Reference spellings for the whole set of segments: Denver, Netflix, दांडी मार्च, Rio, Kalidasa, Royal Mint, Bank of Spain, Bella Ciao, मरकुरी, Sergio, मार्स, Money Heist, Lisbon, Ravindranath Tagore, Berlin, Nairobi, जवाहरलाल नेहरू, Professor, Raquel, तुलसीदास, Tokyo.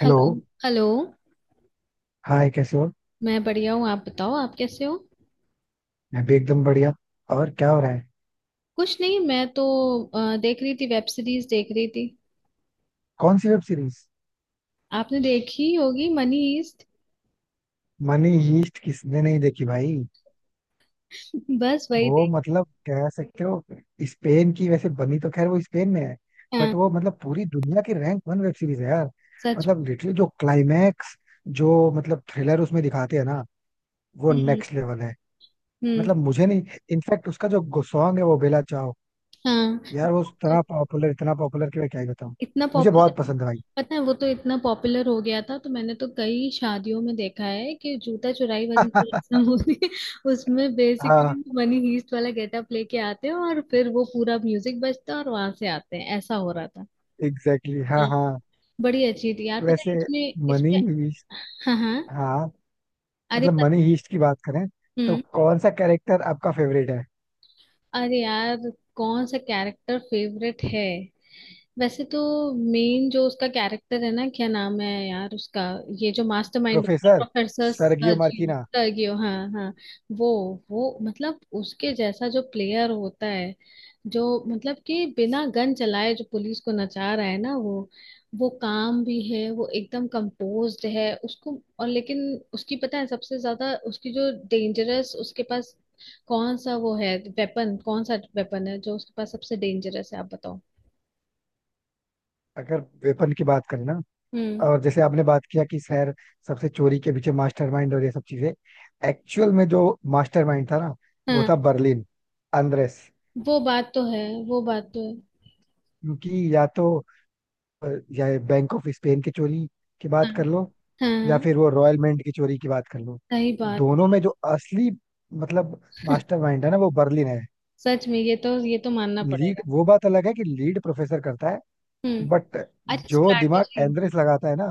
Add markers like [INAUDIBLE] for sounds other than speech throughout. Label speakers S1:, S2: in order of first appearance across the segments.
S1: Hello.
S2: Hello. Hello.
S1: Hi, कैसे हो?
S2: मैं बढ़िया हूँ, आप बताओ, आप कैसे हो?
S1: मैं भी एकदम बढ़िया। और क्या हो रहा है?
S2: कुछ नहीं, मैं तो देख रही थी, वेब सीरीज देख रही थी।
S1: कौन सी वेब सीरीज?
S2: आपने देखी होगी मनी हीस्ट।
S1: मनी हीस्ट किसने नहीं देखी भाई।
S2: [LAUGHS] बस वही
S1: वो
S2: देख।
S1: मतलब कह सकते हो, स्पेन की वैसे बनी, तो खैर वो स्पेन में है।
S2: हाँ।
S1: बट वो मतलब पूरी दुनिया की रैंक वन वेब सीरीज है यार।
S2: सच।
S1: मतलब लिटरली जो क्लाइमैक्स, जो मतलब थ्रिलर उसमें दिखाते हैं ना, वो
S2: हम्म।
S1: नेक्स्ट लेवल है।
S2: हम्म।
S1: मतलब मुझे नहीं। इनफैक्ट उसका जो सॉन्ग है वो बेला चाओ,
S2: हाँ,
S1: यार वो
S2: तो
S1: इतना पॉपुलर, इतना पॉपुलर कि मैं क्या ही बताऊं।
S2: इतना
S1: मुझे बहुत
S2: पॉपुलर।
S1: पसंद है भाई।
S2: पता है, वो तो इतना पॉपुलर हो गया था तो मैंने तो कई शादियों में देखा है कि जूता चुराई वाली जो [LAUGHS] रस्म होती है उसमें
S1: [LAUGHS]
S2: बेसिकली
S1: हाँ,
S2: मनी हीस्ट वाला गेटअप लेके आते हैं और फिर वो पूरा म्यूजिक बजता है और वहां से आते हैं, ऐसा हो रहा था।
S1: एग्जैक्टली exactly,
S2: हाँ।
S1: हाँ हाँ।
S2: बड़ी अच्छी थी यार, पता है
S1: वैसे
S2: इसमें
S1: मनी
S2: इसमें
S1: हीस्ट।
S2: हाँ हाँ।
S1: हाँ।
S2: अरे,
S1: मतलब मनी हीस्ट की बात करें, तो
S2: हम्म।
S1: कौन सा कैरेक्टर आपका फेवरेट है?
S2: अरे यार, कौन सा कैरेक्टर फेवरेट है? वैसे तो मेन जो उसका कैरेक्टर है ना, क्या नाम है यार उसका, ये जो mastermind
S1: professor
S2: professor
S1: Sergio
S2: Sergio,
S1: Marquina.
S2: Sergio. हाँ हाँ। वो वो मतलब उसके जैसा जो प्लेयर होता है, जो मतलब कि बिना गन चलाए जो पुलिस को नचा रहा है ना वो काम भी है, वो एकदम कंपोज्ड है उसको। और लेकिन उसकी पता है सबसे ज्यादा उसकी जो डेंजरस उसके पास, कौन सा वो है वेपन, कौन सा वेपन है जो उसके पास सबसे डेंजरस है आप बताओ?
S1: अगर वेपन की बात करें ना,
S2: हम्म।
S1: और जैसे आपने बात किया कि सर, सबसे चोरी के पीछे मास्टरमाइंड और ये सब चीजें, एक्चुअल में जो मास्टरमाइंड था ना वो
S2: हाँ।
S1: था बर्लिन, अंद्रेस।
S2: वो बात तो है, वो बात तो है।
S1: क्योंकि या तो, और या बैंक ऑफ स्पेन की चोरी की
S2: हाँ
S1: बात कर लो,
S2: हाँ
S1: या
S2: हाँ।
S1: फिर वो रॉयल मेंट की चोरी की बात कर लो,
S2: सही बात।
S1: दोनों में जो असली मतलब मास्टरमाइंड है ना वो बर्लिन है।
S2: सच में ये तो, ये तो मानना
S1: लीड,
S2: पड़ेगा।
S1: वो बात अलग है कि लीड प्रोफेसर करता है।
S2: हम्म।
S1: बट
S2: अच्छा
S1: जो दिमाग
S2: स्ट्रैटेजी।
S1: एंड्रेस लगाता है ना,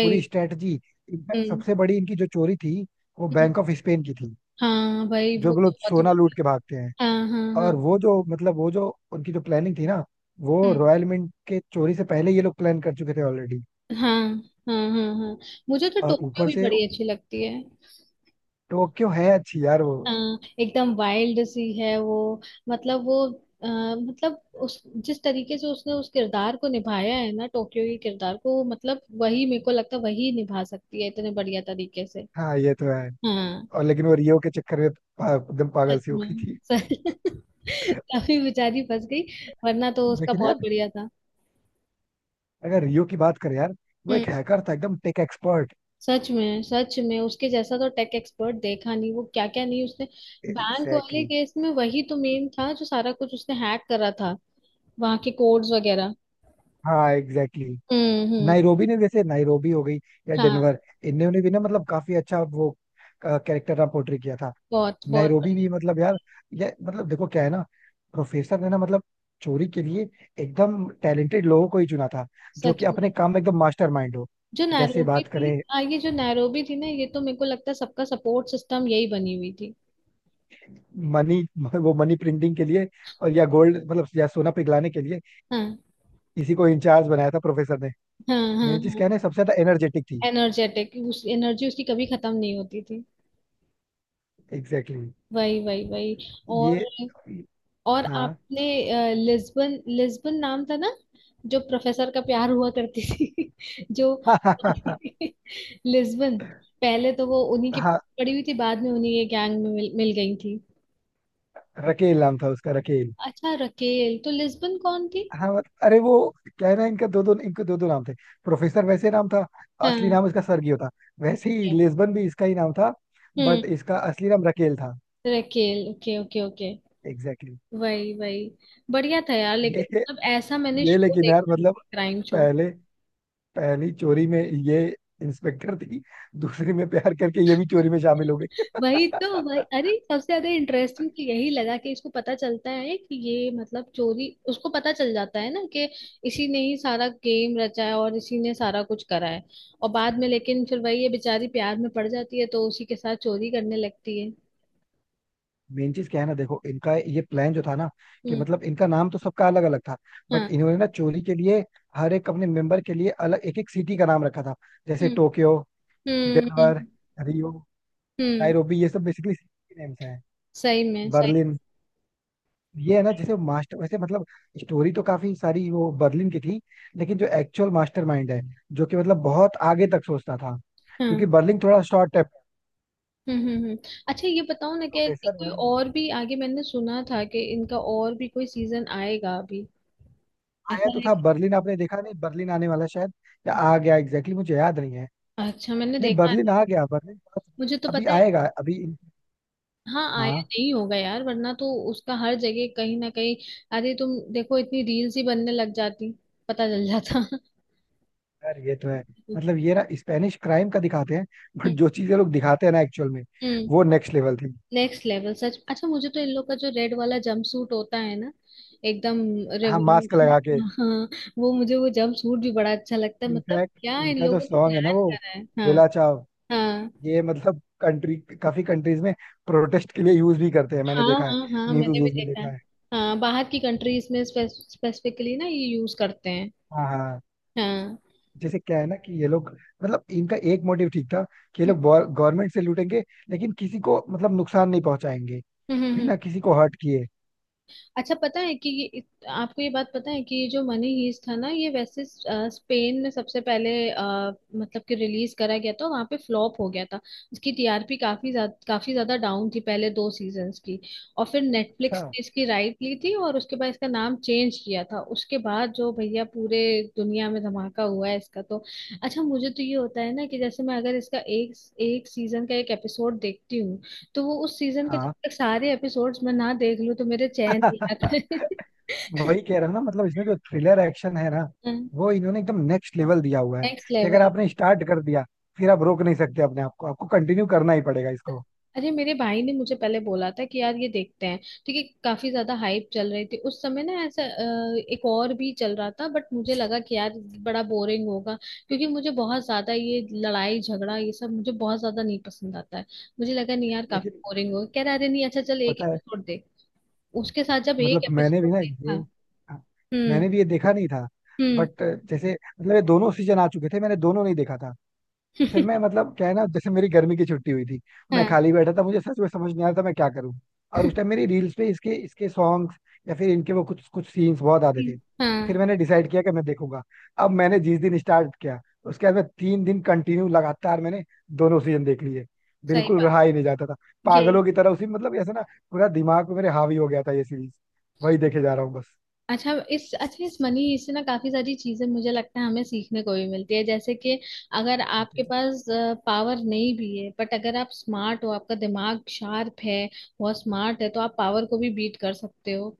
S1: पूरी स्ट्रेटजी। इनफैक्ट
S2: हम्म
S1: सबसे बड़ी इनकी जो चोरी थी वो
S2: हम्म,
S1: बैंक ऑफ स्पेन की थी।
S2: हाँ भाई
S1: जो
S2: वो तो
S1: लोग
S2: बहुत ही
S1: सोना लूट के
S2: बढ़िया।
S1: भागते हैं,
S2: हाँ हाँ हाँ।
S1: और वो जो मतलब वो जो उनकी जो प्लानिंग थी ना, वो
S2: हम्म,
S1: रॉयल मिंट के चोरी से पहले ये लोग प्लान कर चुके थे ऑलरेडी।
S2: हाँ हाँ हाँ हाँ हाँ। मुझे तो
S1: और ऊपर
S2: टोक्यो भी
S1: से
S2: बड़ी अच्छी लगती है।
S1: टोक्यो है अच्छी यार वो।
S2: अ, एकदम वाइल्ड सी है वो, मतलब वो। मतलब उस, जिस तरीके से उसने उस किरदार को निभाया है ना, टोक्यो के किरदार को, मतलब वही मेरे को लगता है, वही निभा सकती है इतने बढ़िया तरीके से।
S1: हाँ ये तो है।
S2: हाँ।
S1: और लेकिन वो रियो के चक्कर में एकदम पागल
S2: सच
S1: सी हो गई
S2: में।
S1: थी।
S2: सच- [LAUGHS] तभी बेचारी फंस गई, वरना तो उसका
S1: लेकिन यार,
S2: बहुत बढ़िया था।
S1: अगर रियो की बात करें यार, वो
S2: हम्म।
S1: एक हैकर था एकदम टेक एक्सपर्ट।
S2: सच में उसके जैसा तो टेक एक्सपर्ट देखा नहीं, वो क्या क्या नहीं उसने। बैंक वाले
S1: एग्जैक्टली।
S2: केस में वही तो मेन था, जो सारा कुछ उसने हैक करा था, वहां के कोड्स वगैरह।
S1: हाँ एग्जैक्टली exactly.
S2: हम्म।
S1: नाइरोबी ने, जैसे नाइरोबी हो गई या
S2: हाँ।
S1: डेनवर, इन्होंने भी ना मतलब काफी अच्छा वो कैरेक्टर का पोर्ट्रे किया था।
S2: बहुत बहुत
S1: नाइरोबी
S2: बढ़िया।
S1: भी मतलब यार, ये मतलब देखो क्या है ना, प्रोफेसर ने ना मतलब चोरी के लिए एकदम टैलेंटेड लोगों को ही चुना था, जो कि
S2: सच में।
S1: अपने काम में एकदम मास्टरमाइंड हो।
S2: जो
S1: जैसे
S2: नैरोबी
S1: बात
S2: थी,
S1: करें
S2: हाँ, ये जो नैरोबी थी ना ये तो मेरे को लगता है सबका सपोर्ट सिस्टम यही बनी हुई थी।
S1: मनी, वो मनी प्रिंटिंग के लिए और या गोल्ड मतलब या सोना पिघलाने के लिए
S2: हाँ
S1: इसी को इंचार्ज बनाया था प्रोफेसर ने।
S2: हाँ हाँ
S1: मेन चीज क्या
S2: हाँ।
S1: है ना, सबसे ज्यादा एनर्जेटिक थी।
S2: एनर्जेटिक, उस एनर्जी उसकी कभी खत्म नहीं होती थी।
S1: Exactly exactly.
S2: वही वही वही। और
S1: ये।
S2: और
S1: हाँ
S2: आपने लिस्बन, लिस्बन नाम था ना, जो प्रोफेसर का प्यार हुआ करती थी। [LAUGHS] जो
S1: [LAUGHS] हाँ हाँ
S2: लिस्बन, पहले तो वो उन्हीं की
S1: हाँ।
S2: पड़ी हुई थी, बाद में उन्हीं के गैंग में मिल गई थी।
S1: रकेल नाम था उसका, रकेल।
S2: अच्छा रकेल, तो लिस्बन कौन थी?
S1: हाँ अरे वो, क्या है ना, इनका दो दो इनके दो दो नाम थे। प्रोफेसर वैसे नाम था, असली
S2: हाँ।
S1: नाम इसका सर्गियो था। वैसे ही लिस्बन भी इसका ही नाम था,
S2: हम्म।
S1: बट इसका असली नाम रकेल था।
S2: Raquel, okay okay okay.
S1: Exactly
S2: वही वही। बढ़िया था यार, लेकिन
S1: exactly. ये
S2: मतलब ऐसा मैंने
S1: ये
S2: शो
S1: लेकिन यार
S2: देखा नहीं,
S1: मतलब,
S2: क्राइम शो।
S1: पहले, पहली चोरी में ये इंस्पेक्टर थी, दूसरी में प्यार करके ये भी चोरी में शामिल हो गई।
S2: [LAUGHS] वही तो, वही, अरे सबसे ज्यादा इंटरेस्टिंग तो यही लगा कि इसको पता चलता है कि ये मतलब चोरी, उसको पता चल जाता है ना कि इसी ने ही सारा गेम रचा है और इसी ने सारा कुछ करा है। और बाद में लेकिन फिर वही ये बेचारी प्यार में पड़ जाती है तो उसी के साथ चोरी करने लगती है।
S1: मेन चीज क्या है ना, देखो इनका ये प्लान जो था ना, कि
S2: हम्म।
S1: मतलब इनका नाम तो सबका अलग अलग था, बट
S2: हाँ।
S1: इन्होंने ना चोरी के लिए हर एक अपने मेंबर के लिए अलग एक एक सिटी का नाम रखा था। जैसे
S2: हम्म
S1: टोक्यो,
S2: हम्म
S1: डेनवर,
S2: हम्म
S1: रियो,
S2: हम्म,
S1: नायरोबी, ये सब बेसिकली सिटी नेम्स हैं।
S2: सही में सही।
S1: बर्लिन, ये है ना जैसे मास्टर वैसे मतलब, स्टोरी तो काफी सारी वो बर्लिन की थी, लेकिन जो एक्चुअल मास्टरमाइंड है जो कि मतलब बहुत आगे तक सोचता था,
S2: हाँ।
S1: क्योंकि बर्लिन थोड़ा शॉर्ट है।
S2: हम्म हम्म हम्म। अच्छा, ये बताओ ना, क्या इसका
S1: प्रोफेसर
S2: कोई
S1: यार वो
S2: और भी, आगे मैंने सुना था कि इनका और भी कोई सीजन आएगा अभी?
S1: आया
S2: ऐसा
S1: तो
S2: है
S1: था
S2: कि
S1: बर्लिन, आपने देखा नहीं? बर्लिन आने वाला शायद, या आ गया एग्जैक्टली exactly, मुझे याद नहीं है।
S2: अच्छा मैंने
S1: नहीं
S2: देखा है।
S1: बर्लिन आ गया, बर्लिन
S2: मुझे तो
S1: अभी
S2: पता है।
S1: आएगा अभी।
S2: हाँ, आया
S1: हाँ
S2: नहीं होगा यार, वरना तो उसका हर जगह कहीं ना कहीं, अरे तुम देखो, इतनी रील्स ही बनने लग जाती, पता चल जाता।
S1: यार ये तो है। मतलब
S2: [LAUGHS]
S1: ये ना स्पेनिश क्राइम का दिखाते हैं, [LAUGHS] बट जो चीजें लोग दिखाते हैं ना एक्चुअल में,
S2: हम्म।
S1: वो नेक्स्ट लेवल थी।
S2: नेक्स्ट लेवल सच। अच्छा, मुझे तो इन लोग का जो रेड वाला जंप सूट होता है ना, एकदम
S1: हाँ मास्क लगा
S2: रेवोल्यूशन,
S1: के।
S2: हाँ, वो मुझे वो जंप सूट भी बड़ा अच्छा लगता है, मतलब
S1: इनफैक्ट
S2: क्या इन
S1: इनका जो
S2: लोगों ने
S1: सॉन्ग है ना
S2: प्लान
S1: वो
S2: करा है। हाँ
S1: बेला चाव,
S2: हाँ।
S1: ये मतलब कंट्री, काफी कंट्रीज में प्रोटेस्ट के लिए यूज भी करते हैं, मैंने
S2: हाँ
S1: देखा है।
S2: हाँ हाँ,
S1: न्यूज
S2: मैंने भी
S1: न्यूज में
S2: देखा
S1: देखा
S2: है।
S1: है।
S2: हाँ, बाहर की कंट्रीज में स्पेसिफिकली ना ये यूज करते हैं।
S1: हाँ हाँ।
S2: हाँ।
S1: जैसे क्या है ना कि ये लोग मतलब इनका एक मोटिव ठीक था कि ये
S2: हम्म
S1: लोग गवर्नमेंट से लूटेंगे, लेकिन किसी को मतलब नुकसान नहीं पहुंचाएंगे,
S2: हम्म हम्म, हम्म।
S1: बिना किसी को हर्ट किए।
S2: अच्छा पता है कि आपको ये बात पता है कि ये जो मनी हीस्ट था ना, ये वैसे स्पेन में सबसे पहले मतलब कि रिलीज करा गया था, वहां पे फ्लॉप हो गया था। इसकी टीआरपी काफी ज्यादा, काफी ज्यादा डाउन थी पहले दो सीजन्स की, और फिर
S1: अच्छा
S2: नेटफ्लिक्स ने इसकी राइट ली थी और उसके बाद इसका नाम चेंज किया था, उसके बाद जो भैया पूरे दुनिया में धमाका हुआ है इसका तो। अच्छा मुझे तो ये होता है ना कि जैसे मैं अगर इसका एक, एक सीजन का एक एपिसोड देखती हूँ, तो वो उस सीजन के जब
S1: हाँ।
S2: तक सारे एपिसोड्स मैं ना देख लूं तो मेरे चैन नहीं
S1: [LAUGHS]
S2: आता।
S1: वही कह रहा हूँ ना, मतलब इसमें जो थ्रिलर एक्शन है ना, वो इन्होंने एकदम नेक्स्ट लेवल दिया हुआ है,
S2: नेक्स्ट
S1: कि अगर
S2: लेवल।
S1: आपने स्टार्ट कर दिया फिर आप रोक नहीं सकते अपने आप को, आपको कंटिन्यू करना ही पड़ेगा इसको।
S2: अरे मेरे भाई ने मुझे पहले बोला था कि यार ये देखते हैं, ठीक है, काफी ज्यादा हाइप चल रही थी उस समय ना, ऐसा एक और भी चल रहा था, बट मुझे लगा कि यार बड़ा बोरिंग होगा, क्योंकि मुझे बहुत ज्यादा ये लड़ाई झगड़ा ये सब मुझे बहुत ज्यादा नहीं पसंद आता है। मुझे लगा नहीं यार काफी
S1: लेकिन
S2: बोरिंग होगा, कह रहा अरे नहीं अच्छा चल एक
S1: पता है,
S2: एपिसोड देख। उसके साथ जब
S1: मतलब
S2: एक
S1: मैंने भी
S2: एपिसोड
S1: ना ये,
S2: देखा।
S1: हाँ,
S2: हम्म
S1: मैंने भी ये देखा नहीं था,
S2: हम्म।
S1: बट जैसे मतलब ये दोनों सीजन आ चुके थे, मैंने दोनों नहीं देखा था। फिर मैं मतलब क्या है ना, जैसे मेरी गर्मी की छुट्टी हुई थी,
S2: [LAUGHS]
S1: मैं
S2: हाँ।
S1: खाली बैठा था, मुझे सच में समझ नहीं आ रहा था मैं क्या करूं। और उस टाइम मेरी रील्स पे इसके इसके सॉन्ग्स या फिर इनके वो कुछ कुछ सीन्स बहुत आते थे।
S2: कि-
S1: फिर
S2: हाँ,
S1: मैंने डिसाइड किया कि मैं देखूंगा। अब मैंने जिस दिन स्टार्ट किया उसके बाद मैं तीन दिन कंटिन्यू लगातार मैंने दोनों सीजन देख लिए।
S2: सही
S1: बिल्कुल
S2: बात,
S1: रहा ही नहीं जाता था,
S2: यही।
S1: पागलों की तरह उसी मतलब ऐसा ना, पूरा दिमाग पे मेरे हावी हो गया था ये सीरीज, वही देखे जा रहा हूँ बस।
S2: अच्छा इस, अच्छा इस मनी इससे ना काफी सारी चीजें मुझे लगता है हमें सीखने को भी मिलती है, जैसे कि अगर आपके
S1: जैसे,
S2: पास पावर नहीं भी है, बट अगर आप स्मार्ट हो आपका दिमाग शार्प है, बहुत स्मार्ट है तो आप पावर को भी बीट कर सकते हो।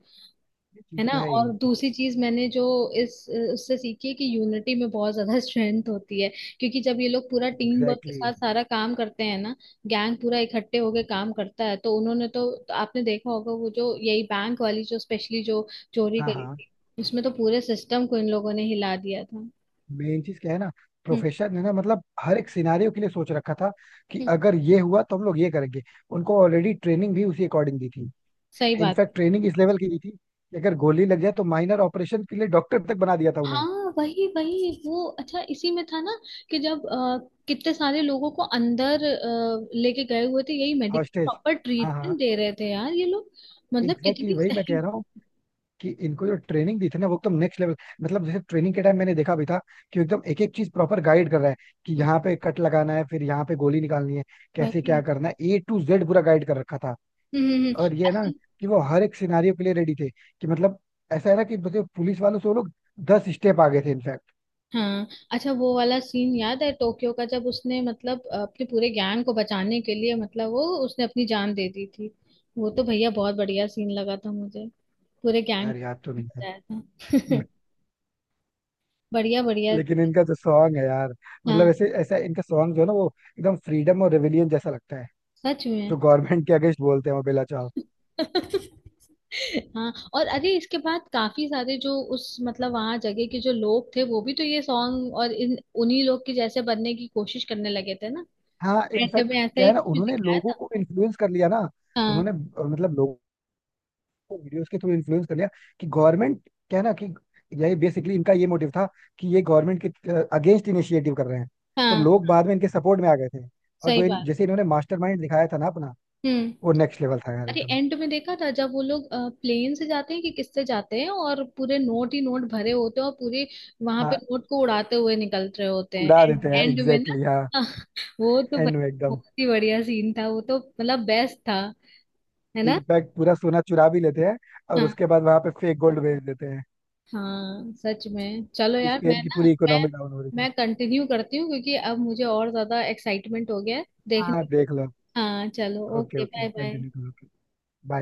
S1: ये
S2: है
S1: चीज
S2: ना?
S1: तो है ही।
S2: और दूसरी चीज मैंने जो इस उससे सीखी है कि यूनिटी में बहुत ज्यादा स्ट्रेंथ [LAUGHS] होती है, क्योंकि जब ये लोग पूरा टीम वर्क के
S1: एग्जैक्टली
S2: साथ
S1: exactly.
S2: सारा काम करते हैं ना, गैंग पूरा इकट्ठे होके काम करता है, तो उन्होंने तो आपने देखा होगा वो जो यही बैंक वाली जो स्पेशली जो चोरी
S1: हाँ
S2: करी
S1: हाँ।
S2: थी, उसमें तो पूरे सिस्टम को इन लोगों ने हिला दिया था। हम्म।
S1: मेन चीज क्या है ना, प्रोफेशन है ना, मतलब हर एक सिनारियों के लिए सोच रखा था कि
S2: हम्म,
S1: अगर ये हुआ तो हम लोग ये करेंगे, उनको ऑलरेडी ट्रेनिंग भी उसी अकॉर्डिंग दी थी।
S2: सही बात।
S1: इनफैक्ट ट्रेनिंग इस लेवल की दी थी कि अगर गोली लग जाए तो माइनर ऑपरेशन के लिए डॉक्टर तक बना दिया था उन्हें।
S2: हाँ, वही वही, वो अच्छा इसी में था ना कि जब कितने सारे लोगों को अंदर लेके गए हुए थे यही, मेडिकल
S1: हॉस्टेज।
S2: प्रॉपर
S1: हाँ हाँ।
S2: ट्रीटमेंट दे रहे थे यार ये लोग, मतलब
S1: एग्जैक्टली exactly,
S2: कितनी
S1: वही मैं
S2: सही।
S1: कह रहा हूँ कि इनको जो ट्रेनिंग दी थी ना वो एकदम नेक्स्ट लेवल, मतलब जैसे ट्रेनिंग के टाइम मैंने देखा भी था कि एकदम एक एक चीज प्रॉपर गाइड कर रहा है, कि यहाँ पे
S2: [LAUGHS]
S1: कट लगाना है फिर यहाँ पे गोली निकालनी है, कैसे क्या
S2: वही।
S1: करना है ए टू जेड पूरा गाइड कर रखा था।
S2: हम्म।
S1: और ये ना
S2: अच्छा।
S1: कि वो हर एक सिनारियो के लिए रेडी थे, कि मतलब ऐसा है ना कि मतलब पुलिस वालों से वो लोग 10 स्टेप आगे थे इनफैक्ट।
S2: हाँ। अच्छा वो वाला सीन याद है टोक्यो का, जब उसने मतलब अपने पूरे गैंग को बचाने के लिए मतलब वो उसने अपनी जान दे दी थी, वो तो भैया बहुत बढ़िया सीन लगा था मुझे, पूरे गैंग
S1: यार याद तो
S2: को
S1: नहीं है।
S2: बचाया था। [LAUGHS] बढ़िया
S1: [LAUGHS]
S2: बढ़िया।
S1: लेकिन इनका जो सॉन्ग है यार, मतलब
S2: हाँ।
S1: ऐसे ऐसा इनका सॉन्ग जो है ना वो एकदम फ्रीडम और रेविलियन जैसा लगता है,
S2: सच में।
S1: जो गवर्नमेंट के अगेंस्ट बोलते हैं वो बेला चाव।
S2: [LAUGHS] हाँ, और अरे इसके बाद काफी सारे जो उस मतलब वहां जगह के जो लोग थे वो भी तो ये सॉन्ग और इन उन्हीं लोग के जैसे बनने की कोशिश करने लगे थे ना।
S1: हाँ
S2: एंड
S1: इनफैक्ट
S2: में ऐसा
S1: क्या
S2: ही
S1: है ना,
S2: कुछ
S1: उन्होंने
S2: दिखाया
S1: लोगों
S2: था।
S1: को इन्फ्लुएंस कर लिया ना,
S2: हाँ।
S1: उन्होंने मतलब लोगों, वीडियोस के थ्रू इन्फ्लुएंस कर लिया कि गवर्नमेंट, क्या है ना कि यही बेसिकली इनका ये मोटिव था कि ये गवर्नमेंट के अगेंस्ट इनिशिएटिव कर रहे हैं, तो
S2: हाँ।
S1: लोग बाद में इनके सपोर्ट में आ गए थे। और
S2: सही
S1: जो
S2: बात।
S1: जैसे इन्होंने मास्टरमाइंड दिखाया था ना अपना,
S2: हम्म।
S1: वो नेक्स्ट लेवल था यार
S2: अरे
S1: एकदम।
S2: एंड में देखा था जब वो लोग प्लेन से जाते हैं कि किससे जाते हैं और पूरे नोट ही नोट भरे होते हैं और पूरे वहां पे
S1: हाँ
S2: नोट को उड़ाते हुए निकल रहे होते हैं
S1: उड़ा
S2: एंड,
S1: देते हैं
S2: एंड में ना।
S1: एग्जैक्टली exactly, हाँ।
S2: [LAUGHS] हाँ, वो तो भाई
S1: एंड में एकदम
S2: बहुत ही बढ़िया सीन था वो तो, मतलब बेस्ट था। है ना?
S1: इनफैक्ट पूरा सोना चुरा भी लेते हैं और
S2: हाँ।
S1: उसके बाद वहां पे फेक गोल्ड भेज देते हैं,
S2: हाँ सच में, चलो यार, मैं
S1: स्पेन की
S2: ना
S1: पूरी
S2: मैं
S1: इकोनॉमी डाउन हो रही थी।
S2: मैं कंटिन्यू करती हूँ क्योंकि अब मुझे और ज्यादा एक्साइटमेंट हो गया है
S1: हाँ
S2: देखने।
S1: देख लो।
S2: हाँ, चलो,
S1: okay
S2: okay,
S1: okay
S2: bye bye.
S1: Continue करो। बाय।